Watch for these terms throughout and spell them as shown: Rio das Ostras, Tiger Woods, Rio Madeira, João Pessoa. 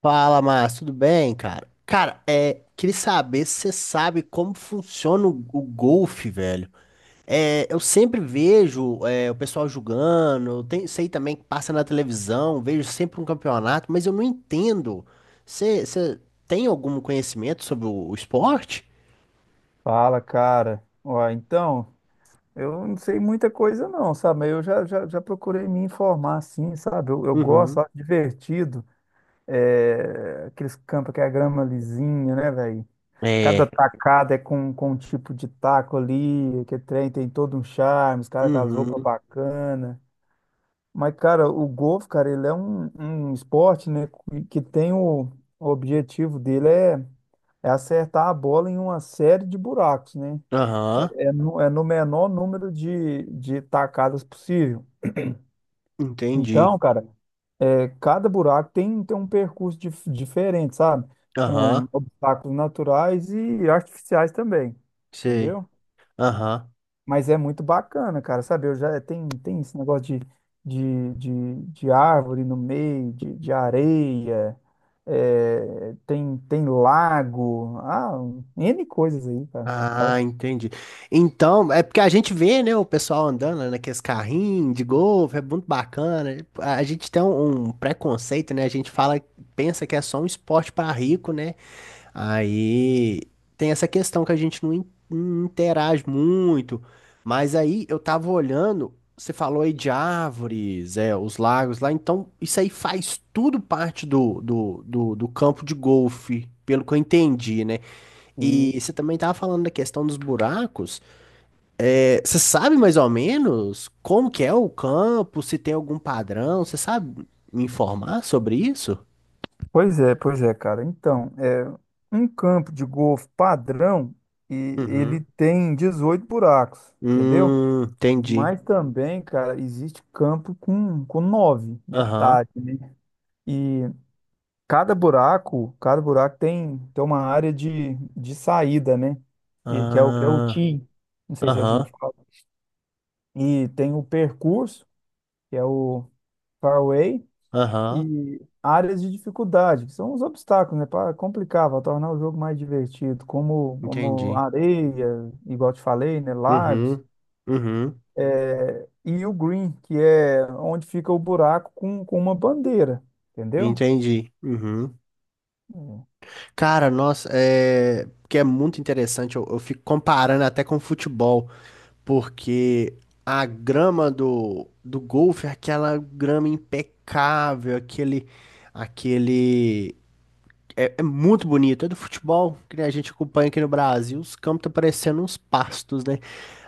Fala, Márcio, tudo bem, cara? Cara, queria saber se você sabe como funciona o golfe, velho. É, eu sempre vejo o pessoal jogando, sei também que passa na televisão, vejo sempre um campeonato, mas eu não entendo. Você tem algum conhecimento sobre o esporte? Fala, cara. Ó, então, eu não sei muita coisa não, sabe? Mas eu já procurei me informar, assim, sabe? Eu gosto, Uhum. acho divertido. É, aqueles campos que é a grama lisinha, né, velho? Cada É. tacada é com um tipo de taco ali, que é trem tem todo um charme, os caras com as roupas Uhum. bacanas. Mas, cara, o golfe, cara, ele é um esporte, né, que tem o objetivo dele é acertar a bola em uma série de buracos, né? Aham. É no menor número de tacadas possível. Entendi. Então, cara, cada buraco tem um percurso diferente, sabe? Com Aham. obstáculos naturais e artificiais também, Sei. entendeu? Aham. Mas é muito bacana, cara, sabe? Eu já tem esse negócio de árvore no meio, de areia, tem lago, um N coisas aí, cara, sabe? Ah, entendi. Então, é porque a gente vê, né, o pessoal andando, né, naqueles carrinhos de golfe, é muito bacana. A gente tem um preconceito, né? A gente pensa que é só um esporte para rico, né? Aí tem essa questão que a gente não não interage muito. Mas aí eu tava olhando, você falou aí de árvores, os lagos lá, então isso aí faz tudo parte do campo de golfe, pelo que eu entendi, né? E E você também estava falando da questão dos buracos. É, você sabe mais ou menos como que é o campo, se tem algum padrão? Você sabe me informar sobre isso? pois é, pois é, cara. Então, um campo de golfe padrão e ele Uhum. tem 18 buracos, entendeu? Entendi. Mas também, cara, existe campo com nove, Aham. metade, né? E cada buraco tem uma área de saída, né? Que é o Ah, tee, não sei se é assim que aham. fala. E tem o percurso, que é o fairway, Aham. e áreas de dificuldade, que são os obstáculos, né, para complicar, para tornar o jogo mais divertido, como Entendi. areia, igual eu te falei, né, lagos, Uhum. Uhum. E o green, que é onde fica o buraco com uma bandeira, entendeu? Entendi. Uhum. Hum. Cara, nossa, é. Porque é muito interessante, eu fico comparando até com o futebol. Porque a grama do golfe é aquela grama impecável, aquele. É muito bonito, é do futebol que a gente acompanha aqui no Brasil, os campos estão parecendo uns pastos, né?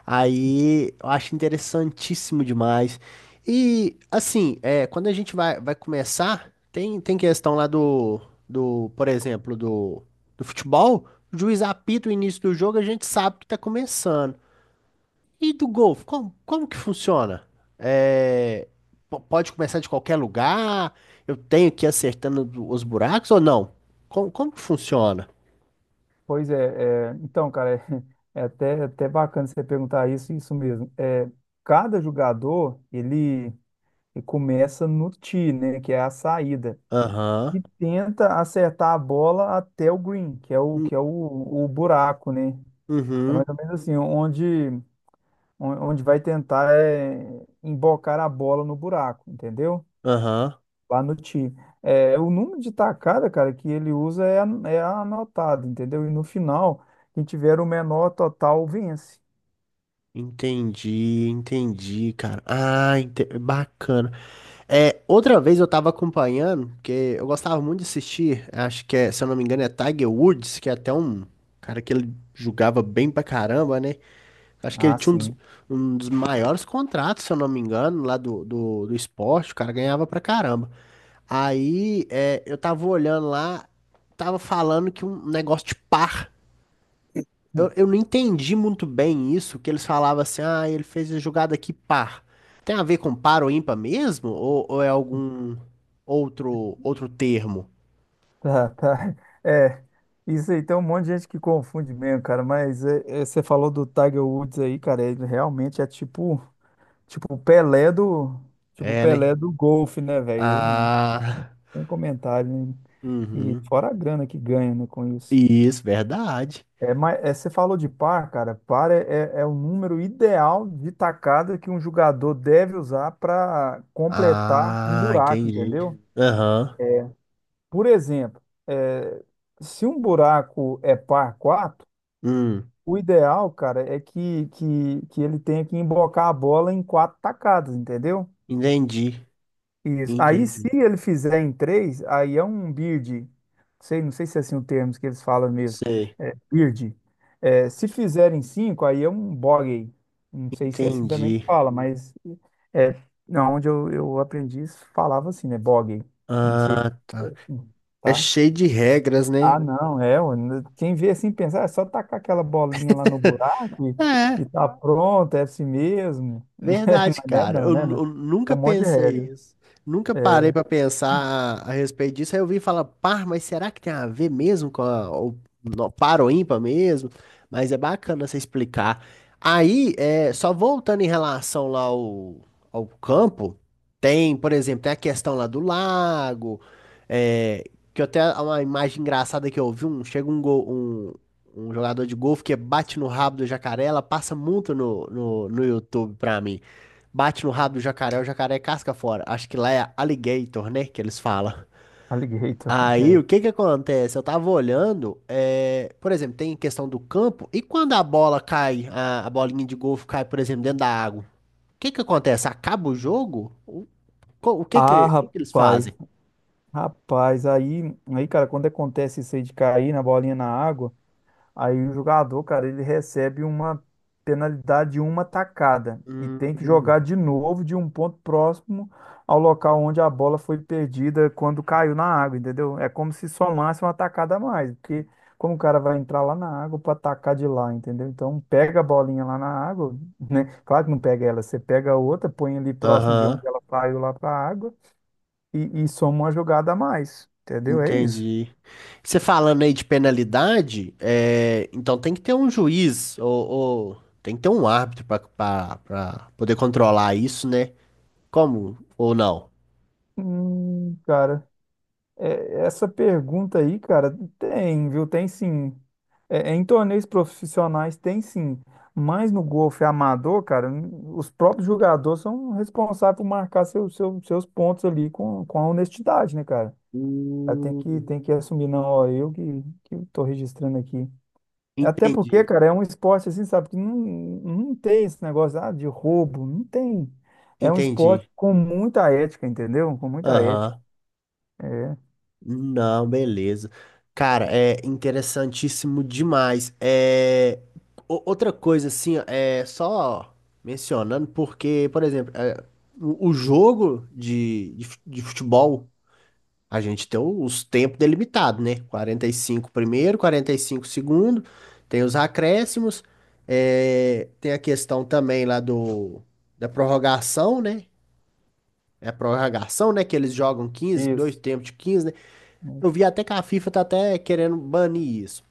Aí eu acho interessantíssimo demais. E assim, quando a gente vai começar, tem questão lá por exemplo, do futebol, o juiz apita o início do jogo, a gente sabe que está começando. E do golfe, como que funciona? É, pode começar de qualquer lugar? Eu tenho que ir acertando os buracos ou não? Como que funciona? Pois é, então, cara, até bacana você perguntar isso, isso mesmo. É, cada jogador, ele começa no tee, né, que é a saída. Aham. E tenta acertar a bola até o green, que é o, Hum, que é o, o buraco, né? É mais uhum. ou menos assim, onde vai tentar embocar a bola no buraco, entendeu? Aham. Lá no tee. É, o número de tacada, cara, que ele usa é anotado, entendeu? E no final, quem tiver o menor total vence. Entendi, entendi, cara. Ah, bacana. É, outra vez eu tava acompanhando, porque eu gostava muito de assistir, acho que é, se eu não me engano, é Tiger Woods, que é até um cara que ele jogava bem pra caramba, né? Acho que ele Ah, tinha um dos, sim. um dos maiores contratos, se eu não me engano, lá do esporte. O cara ganhava pra caramba. Aí eu tava olhando lá, tava falando que um negócio de par. Eu, Hum. eu não entendi muito bem isso, que eles falavam assim, ah, ele fez a jogada aqui par. Tem a ver com par ou ímpar mesmo? Ou é algum outro termo? Tá, tá. É, isso aí tem um monte de gente que confunde mesmo, cara, mas você falou do Tiger Woods aí, cara, ele realmente é tipo. Tipo, o Pelé do. Tipo, o É, né? Pelé do golfe, né, velho? Ah, Tem comentário, né? E uhum. fora a grana que ganha, né, com isso. Isso, verdade. É, mas você falou de par, cara. Par é o número ideal de tacada que um jogador deve usar para completar um Ah, buraco, entendi. entendeu? Aham. Por exemplo, é, se um buraco é par 4, Hum, o ideal, cara, é que ele tenha que embocar a bola em quatro tacadas, entendeu? entendi, Isso. Aí, se entendi. ele fizer em três, aí é um bird. Sei, não sei se é assim o termo que eles falam mesmo. Sei, É, bird. É, se fizer em cinco, aí é um bogey. Não sei se é assim também entendi. que fala, mas é, não, onde eu aprendi, isso falava assim, né? Bogey. Não sei Ah, se é tá. assim, É tá? cheio de regras, Ah, né? não, é. Ó, quem vê assim pensar, é só tacar aquela bolinha lá no buraco e É. tá pronto, é assim mesmo. Verdade, Mas não é cara. não, né? Não. Eu Tem nunca um monte de pensei regra. isso. Nunca parei pra É. pensar a respeito disso. Aí eu vim falar, par, mas será que tem a ver mesmo com no, par ou ímpar mesmo? Mas é bacana você explicar. Aí, só voltando em relação lá ao campo, tem, por exemplo, tem a questão lá do lago, é, que eu até uma imagem engraçada que eu vi, chega um jogador de golfe que bate no rabo do jacaré, ela passa muito no YouTube pra mim. Bate no rabo do jacaré, o jacaré casca fora. Acho que lá é alligator, né? Que eles falam. Alligator. Aí, o É. que que acontece? Eu tava olhando, por exemplo, tem questão do campo, e quando a bola cai, a bolinha de golfe cai, por exemplo, dentro da água, o que que acontece? Acaba o jogo? O, co- o que Ah, que, o que que eles rapaz, fazem? rapaz, aí, aí, cara, quando acontece isso aí de cair na bolinha na água, aí o jogador, cara, ele recebe uma penalidade de uma tacada e Hum, tem que jogar de novo de um ponto próximo ao local onde a bola foi perdida quando caiu na água, entendeu? É como se somasse uma tacada a mais, porque como o cara vai entrar lá na água para atacar de lá, entendeu? Então pega a bolinha lá na água, né? Claro que não pega ela, você pega a outra, põe ali próximo de Aham, onde ela caiu lá para a água e soma uma jogada a mais, entendeu? É isso. entendi. Você falando aí de penalidade, então tem que ter um juiz ou tem que ter um árbitro para poder controlar isso, né? Como ou não? Cara. É, essa pergunta aí, cara, tem, viu? Tem sim. Em torneios profissionais tem sim. Mas no golfe amador, cara, os próprios jogadores são responsáveis por marcar seus pontos ali com a honestidade, né, cara? Aí Tem que, Hum, tem que assumir, não, ó, eu que tô registrando aqui. Até porque, entendi, cara, é um esporte assim, sabe, que não tem esse negócio de roubo, não tem. É um esporte entendi. com muita ética, entendeu? Com muita ética. Aham. É, Não, beleza. Cara, é interessantíssimo demais. É, outra coisa, assim, ó, é só mencionando, porque, por exemplo, o jogo de futebol. A gente tem os tempos delimitados, né? 45 primeiro, 45 segundo, tem os acréscimos, tem a questão também lá do da prorrogação, né? É a prorrogação, né? Que eles jogam 15, dois isso. tempos de 15, né? Eu vi até que a FIFA tá até querendo banir isso,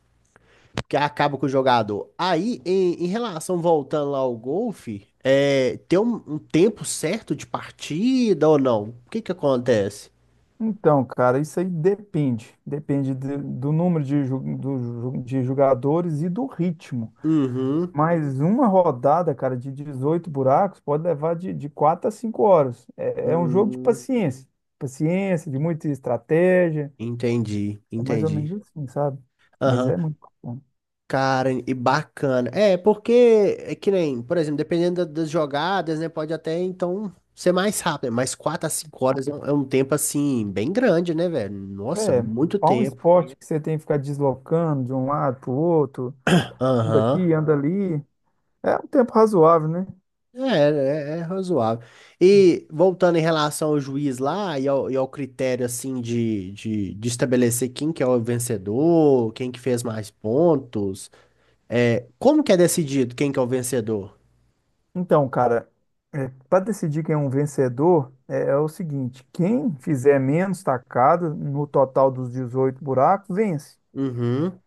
porque acaba com o jogador. Aí, em relação, voltando lá ao golfe, tem um tempo certo de partida ou não? O que que acontece? Então, cara, isso aí depende. Depende do número de jogadores e do ritmo. Uhum. Mas uma rodada, cara, de 18 buracos pode levar de 4 a 5 horas. É um jogo de Hum, paciência. Paciência, de muita estratégia. entendi, É mais ou menos entendi. assim, sabe? Mas Aham. é muito bom. Cara, e bacana. É, porque é que nem, por exemplo, dependendo das jogadas, né? Pode até então ser mais rápido, mas 4 a 5 horas é um tempo assim, bem grande, né, velho? Nossa, É, muito há um tempo. esporte que você tem que ficar deslocando de um lado para o outro, anda Aham. aqui, anda ali. É um tempo razoável, né? É, é razoável. E voltando em relação ao juiz lá e ao critério assim de estabelecer quem que é o vencedor, quem que fez mais pontos, como que é decidido quem que é o vencedor? Então, cara, para decidir quem é um vencedor, é o seguinte: quem fizer menos tacadas no total dos 18 buracos, vence. Uhum,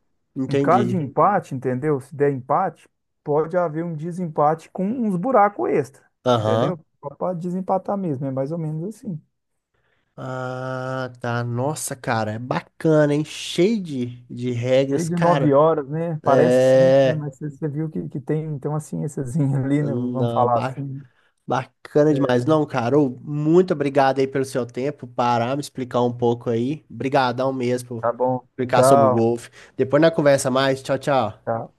Em caso de entendi. empate, entendeu? Se der empate, pode haver um desempate com uns buracos extra, Aham. entendeu? Só para desempatar mesmo, é mais ou menos assim. Ah, tá. Nossa, cara, é bacana, hein? Cheio de Lei regras, de nove cara. horas, né? Parece simples, né? É. Mas você viu que tem, então uma ciênciazinha ali, né? Vamos Não, falar assim. bacana demais. Não, cara, ô, muito obrigado aí pelo seu tempo, parar, me explicar um pouco aí. Obrigadão mesmo por Tá bom. explicar sobre o Tchau. golfe. Depois na conversa mais. Tchau, tchau. Tchau.